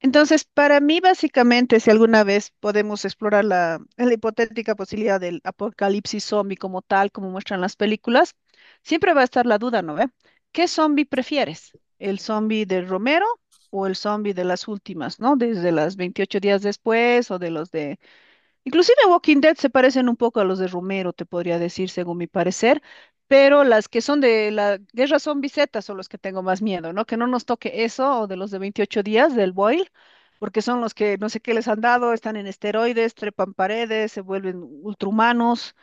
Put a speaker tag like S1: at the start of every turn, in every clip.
S1: Entonces, para mí, básicamente, si alguna vez podemos explorar la hipotética posibilidad del apocalipsis zombie como tal, como muestran las películas, siempre va a estar la duda, ¿no ve? ¿Qué zombie prefieres? ¿El zombie de Romero o el zombie de las últimas, ¿no? Desde las 28 días después o de los de Inclusive Walking Dead se parecen un poco a los de Romero, te podría decir, según mi parecer, pero las que son de la guerra zombie Z son los que tengo más miedo, ¿no? Que no nos toque eso o de los de 28 días del boil, porque son los que no sé qué les han dado, están en esteroides, trepan paredes, se vuelven ultrahumanos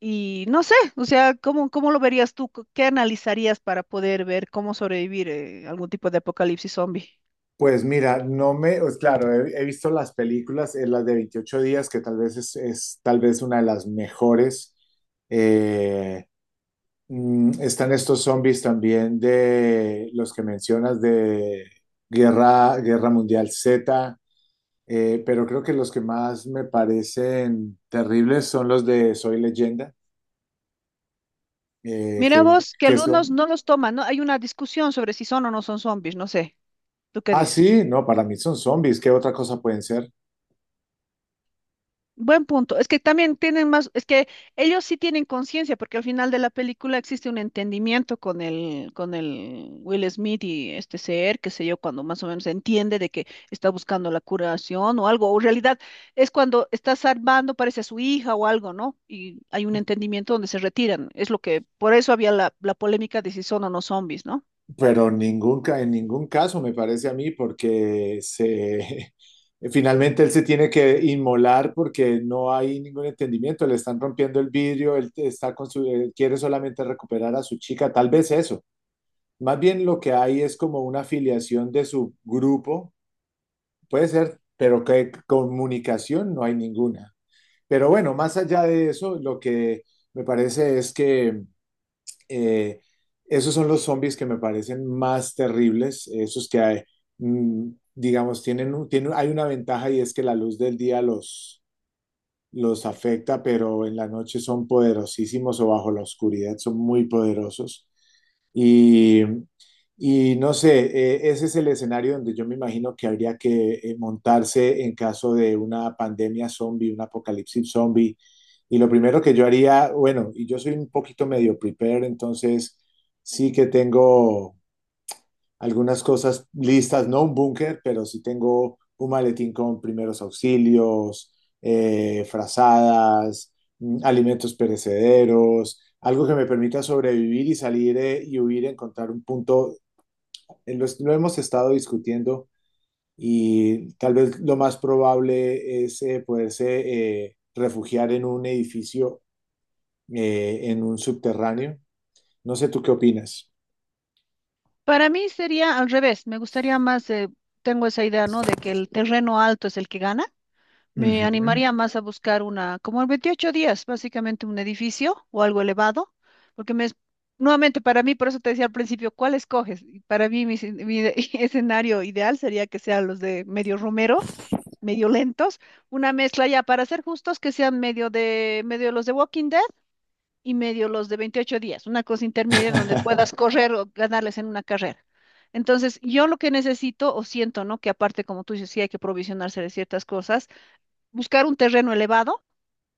S1: y no sé, o sea, ¿cómo lo verías tú? ¿Qué analizarías para poder ver cómo sobrevivir algún tipo de apocalipsis zombie?
S2: Pues mira, no me, pues claro, he visto las películas, las de 28 días, que tal vez es tal vez una de las mejores. Eh, están estos zombies también de los que mencionas de Guerra Mundial Z, pero creo que los que más me parecen terribles son los de Soy Leyenda. eh,
S1: Mira
S2: que,
S1: vos, que
S2: que
S1: algunos
S2: son,
S1: no los toman, ¿no? Hay una discusión sobre si son o no son zombies, no sé. ¿Tú qué
S2: ah,
S1: dices?
S2: sí, no, para mí son zombies. ¿Qué otra cosa pueden ser?
S1: Buen punto. Es que también tienen más, es que ellos sí tienen conciencia, porque al final de la película existe un entendimiento con el Will Smith y este ser, qué sé yo, cuando más o menos entiende de que está buscando la curación o algo, o en realidad es cuando está salvando, parece a su hija o algo, ¿no? Y hay un entendimiento donde se retiran. Es lo que, por eso había la polémica de si son o no zombies, ¿no?
S2: Pero en ningún caso me parece a mí. Finalmente él se tiene que inmolar porque no hay ningún entendimiento, le están rompiendo el vidrio, él quiere solamente recuperar a su chica, tal vez eso. Más bien lo que hay es como una afiliación de su grupo, puede ser, pero que comunicación no hay ninguna. Pero bueno, más allá de eso, lo que me parece es que eh, esos son los zombies que me parecen más terribles, esos que hay, mm, digamos, hay una ventaja y es que la luz del día los afecta, pero en la noche son poderosísimos o bajo la oscuridad son muy poderosos. Y, y no sé, ese es el escenario donde yo me imagino que habría que montarse en caso de una pandemia zombie, un apocalipsis zombie. Y lo primero que yo haría, bueno, y yo soy un poquito medio prepared, entonces sí que tengo algunas cosas listas, no un búnker, pero sí tengo un maletín con primeros auxilios, frazadas, alimentos perecederos, algo que me permita sobrevivir y salir y huir, encontrar un punto. Lo hemos estado discutiendo y tal vez lo más probable es poderse refugiar en un edificio, en un subterráneo. No sé tú qué opinas.
S1: Para mí sería al revés, me gustaría más, tengo esa idea, ¿no? De que el terreno alto es el que gana. Me
S2: Ujú.
S1: animaría más a buscar una, como en 28 días, básicamente un edificio o algo elevado, porque nuevamente para mí, por eso te decía al principio, ¿cuál escoges? Y para mí, mi, escen- mi de- escenario ideal sería que sean los de medio romero, medio lentos, una mezcla ya, para ser justos, que sean medio los de Walking Dead y medio los de 28 días, una cosa intermedia donde puedas correr o ganarles en una carrera. Entonces, yo lo que necesito o siento, ¿no? Que aparte, como tú dices, sí hay que provisionarse de ciertas cosas, buscar un terreno elevado,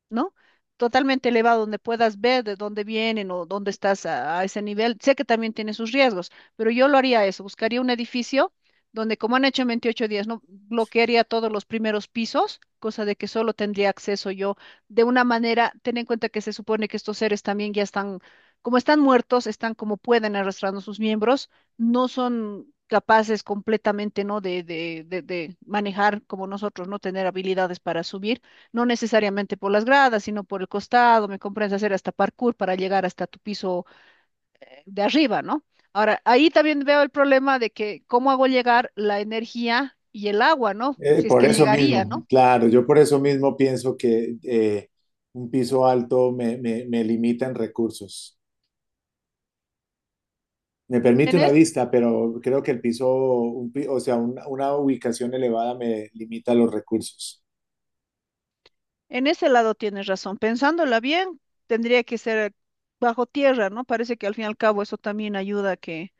S1: ¿no? Totalmente elevado, donde puedas ver de dónde vienen o dónde estás a ese nivel. Sé que también tiene sus riesgos, pero yo lo haría eso, buscaría un edificio donde, como han hecho en 28 días, no bloquearía todos los primeros pisos, cosa de que solo tendría acceso yo de una manera, ten en cuenta que se supone que estos seres también ya están, como están muertos, están como pueden arrastrando sus miembros, no son capaces completamente, ¿no? De manejar como nosotros, no tener habilidades para subir no necesariamente por las gradas, sino por el costado, me comprendes, hacer hasta parkour para llegar hasta tu piso de arriba, ¿no? Ahora, ahí también veo el problema de que cómo hago llegar la energía y el agua, ¿no?
S2: Eh,
S1: Si es
S2: por
S1: que
S2: eso mismo,
S1: llegaría, ¿no?
S2: claro, yo por eso mismo pienso que un piso alto me limita en recursos. Me permite
S1: En
S2: una
S1: es-
S2: vista, pero creo que el piso, un pi- o sea, una ubicación elevada me limita los recursos.
S1: en ese lado tienes razón. Pensándola bien, tendría que ser bajo tierra, ¿no? Parece que al fin y al cabo eso también ayuda a que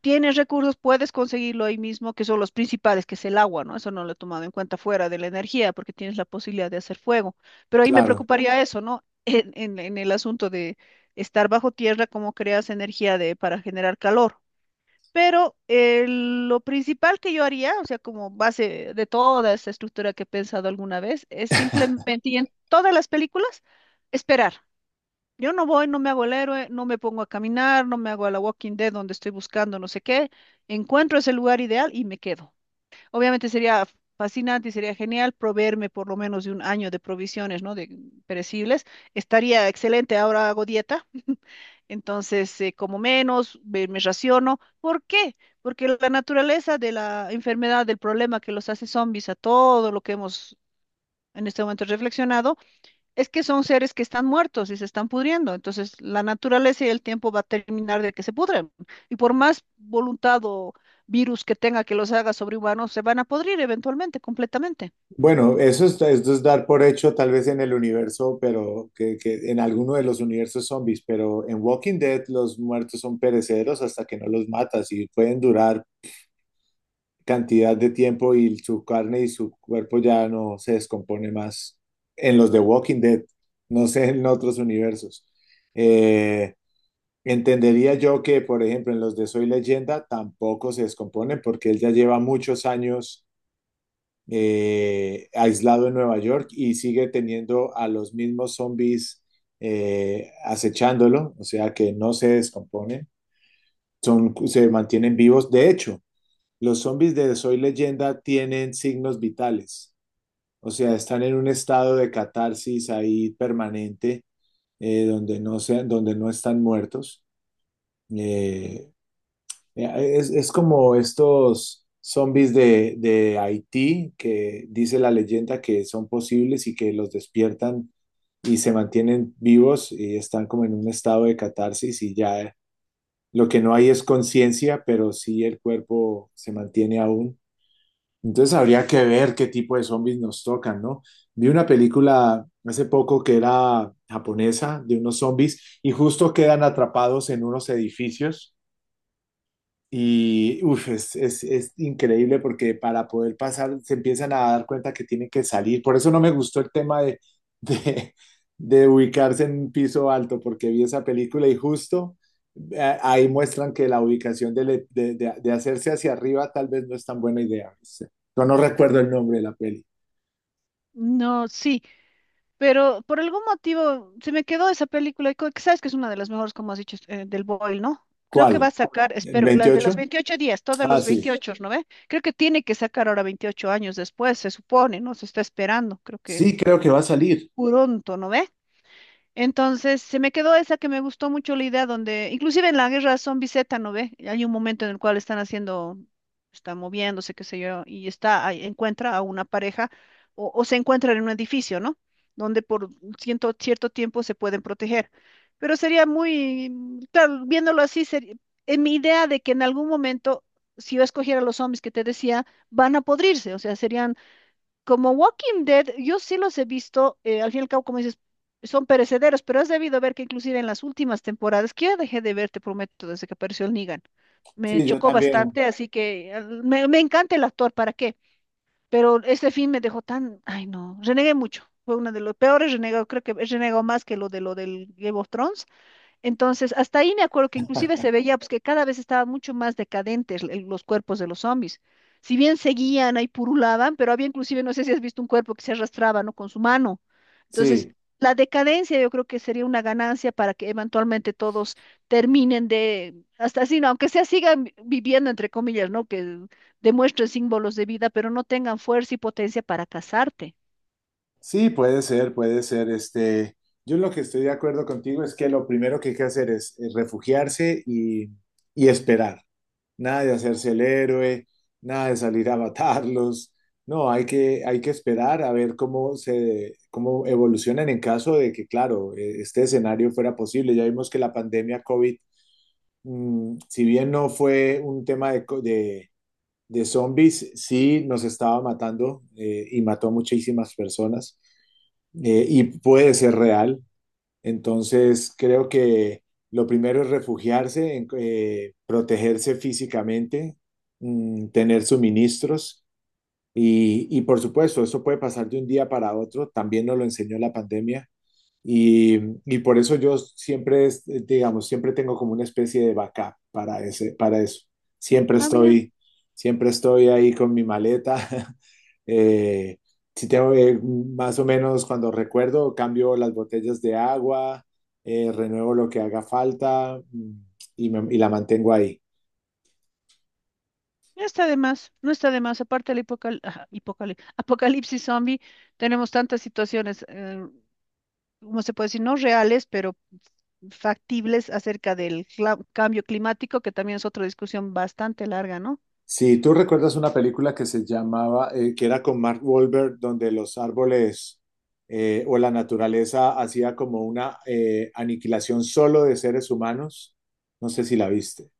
S1: tienes recursos, puedes conseguirlo ahí mismo, que son los principales, que es el agua, ¿no? Eso no lo he tomado en cuenta fuera de la energía, porque tienes la posibilidad de hacer fuego. Pero ahí me
S2: Claro.
S1: preocuparía eso, ¿no? En el asunto de estar bajo tierra, cómo creas energía de, para generar calor. Pero lo principal que yo haría, o sea, como base de toda esta estructura que he pensado alguna vez, es simplemente, y en todas las películas, esperar. Yo no voy, no me hago el héroe, no me pongo a caminar, no me hago a la Walking Dead donde estoy buscando no sé qué. Encuentro ese lugar ideal y me quedo. Obviamente sería fascinante y sería genial proveerme por lo menos de un año de provisiones, ¿no? De perecibles. Estaría excelente, ahora hago dieta. Entonces, como menos, me raciono. ¿Por qué? Porque la naturaleza de la enfermedad, del problema que los hace zombies a todo lo que hemos en este momento reflexionado, es que son seres que están muertos y se están pudriendo, entonces la naturaleza y el tiempo va a terminar de que se pudren. Y por más voluntad o virus que tenga que los haga sobrehumanos, se van a podrir eventualmente, completamente.
S2: Bueno, esto es dar por hecho tal vez en el universo, pero que en alguno de los universos zombies, pero en Walking Dead los muertos son perecederos hasta que no los matas y pueden durar cantidad de tiempo y su carne y su cuerpo ya no se descompone más en los de Walking Dead, no sé en otros universos. Eh, entendería yo que, por ejemplo, en los de Soy Leyenda tampoco se descomponen porque él ya lleva muchos años aislado en Nueva York y sigue teniendo a los mismos zombies acechándolo, o sea que no se descomponen, se mantienen vivos. De hecho, los zombies de Soy Leyenda tienen signos vitales, o sea, están en un estado de catarsis ahí permanente, donde no están muertos. Eh, es como estos zombies de Haití, que dice la leyenda que son posibles y que los despiertan y se mantienen vivos y están como en un estado de catarsis y ya lo que no hay es conciencia, pero sí el cuerpo se mantiene aún. Entonces habría que ver qué tipo de zombies nos tocan, ¿no? Vi una película hace poco que era japonesa de unos zombies y justo quedan atrapados en unos edificios. Y uf, es increíble porque para poder pasar se empiezan a dar cuenta que tienen que salir. Por eso no me gustó el tema de, de, de ubicarse en un piso alto, porque vi esa película y justo ahí muestran que la ubicación de, le- de hacerse hacia arriba tal vez no es tan buena idea. Yo no recuerdo el nombre de la peli.
S1: No, sí, pero por algún motivo se me quedó esa película, y que sabes que es una de las mejores, como has dicho, del Boyle, ¿no? Creo que va
S2: ¿Cuál?
S1: a sacar, espero, la de los
S2: ¿28?
S1: 28 días, todos
S2: Ah,
S1: los
S2: sí.
S1: 28, ¿no ve? Creo que tiene que sacar ahora 28 años después, se supone, ¿no? Se está esperando, creo que
S2: Sí, creo que va a salir.
S1: pronto, ¿no ve? Entonces, se me quedó esa que me gustó mucho la idea donde, inclusive en la guerra zombie Z, ¿no ve? Hay un momento en el cual están haciendo, están moviéndose, qué sé yo, y está, ahí encuentra a una pareja o se encuentran en un edificio, ¿no? Donde por cierto, cierto tiempo se pueden proteger. Pero sería muy, claro, viéndolo así, sería, en mi idea de que en algún momento, si yo escogiera los zombies que te decía, van a podrirse, o sea, serían como Walking Dead, yo sí los he visto, al fin y al cabo, como dices, son perecederos, pero has debido ver que inclusive en las últimas temporadas, que yo dejé de ver, te prometo, desde que apareció el Negan, me
S2: Sí, yo
S1: chocó
S2: también.
S1: bastante, así que me encanta el actor, ¿para qué? Pero este fin me dejó tan, ay no, renegué mucho, fue uno de los peores renegados, creo que he renegado más que lo del Game of Thrones, entonces, hasta ahí me acuerdo que inclusive se veía pues, que cada vez estaban mucho más decadentes los cuerpos de los zombies. Si bien seguían ahí purulaban, pero había inclusive, no sé si has visto un cuerpo que se arrastraba, ¿no? Con su mano. Entonces,
S2: Sí.
S1: la decadencia yo creo que sería una ganancia para que eventualmente todos terminen de, hasta así, ¿no? Aunque sea sigan viviendo, entre comillas, ¿no? Que demuestren símbolos de vida, pero no tengan fuerza y potencia para casarte.
S2: Sí, puede ser, puede ser. Este, yo lo que estoy de acuerdo contigo es que lo primero que hay que hacer es refugiarse y esperar. Nada de hacerse el héroe, nada de salir a matarlos. No, hay que esperar a ver cómo evolucionan en caso de que, claro, este escenario fuera posible. Ya vimos que la pandemia COVID, si bien no fue un tema de, co- de zombies sí nos estaba matando y mató a muchísimas personas y puede ser real. Entonces creo que lo primero es refugiarse, protegerse físicamente, tener suministros y por supuesto, eso puede pasar de un día para otro. También nos lo enseñó la pandemia. Y, y por eso yo siempre, digamos, siempre tengo como una especie de backup para eso. Siempre
S1: Ah mira.
S2: estoy, siempre estoy ahí con mi maleta. Eh, si tengo, más o menos cuando recuerdo, cambio las botellas de agua, renuevo lo que haga falta, y la mantengo ahí.
S1: No está de más, no está de más. Aparte del apocalipsis zombie, tenemos tantas situaciones, ¿cómo se puede decir? No reales, pero factibles acerca del cambio climático, que también es otra discusión bastante larga, ¿no?
S2: Si tú recuerdas una película que se llamaba, que era con Mark Wahlberg, donde los árboles o la naturaleza hacía como una aniquilación solo de seres humanos, no sé si la viste.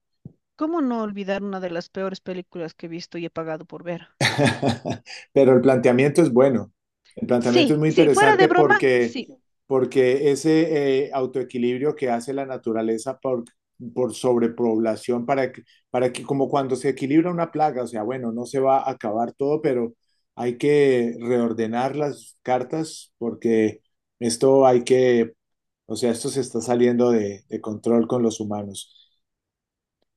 S1: ¿Cómo no olvidar una de las peores películas que he visto y he pagado por ver?
S2: Pero el planteamiento es bueno. El planteamiento
S1: Sí,
S2: es muy
S1: sí, fuera de
S2: interesante
S1: broma,
S2: porque,
S1: sí.
S2: porque ese autoequilibrio que hace la naturaleza por sobrepoblación, para que, como cuando se equilibra una plaga, o sea, bueno, no se va a acabar todo, pero hay que reordenar las cartas porque esto hay que, o sea, esto se está saliendo de control con los humanos.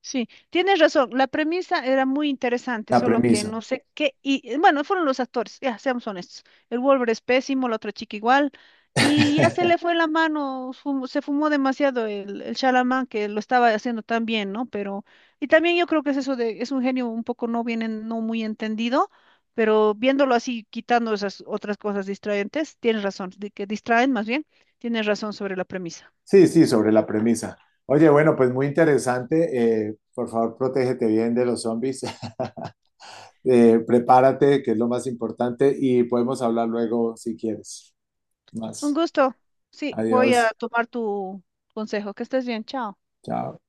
S1: Sí, tienes razón. La premisa era muy interesante,
S2: La
S1: solo que
S2: premisa.
S1: no sé qué. Y bueno, fueron los actores, ya seamos honestos. El Wolver es pésimo, la otra chica igual. Y ya se le fue la mano, se fumó demasiado el Shyamalan, que lo estaba haciendo tan bien, ¿no? Pero, y también yo creo que es eso de, es un genio un poco no bien, no muy entendido, pero viéndolo así, quitando esas otras cosas distraentes, tienes razón, de que distraen más bien, tienes razón sobre la premisa.
S2: Sí, sí, sobre la premisa. Oye, bueno, pues muy interesante. Por favor, protégete bien de los zombies. Prepárate, que es lo más importante, y podemos hablar luego si quieres.
S1: Un
S2: Más.
S1: gusto. Sí, voy a
S2: Adiós.
S1: tomar tu consejo. Que estés bien. Chao.
S2: Chao.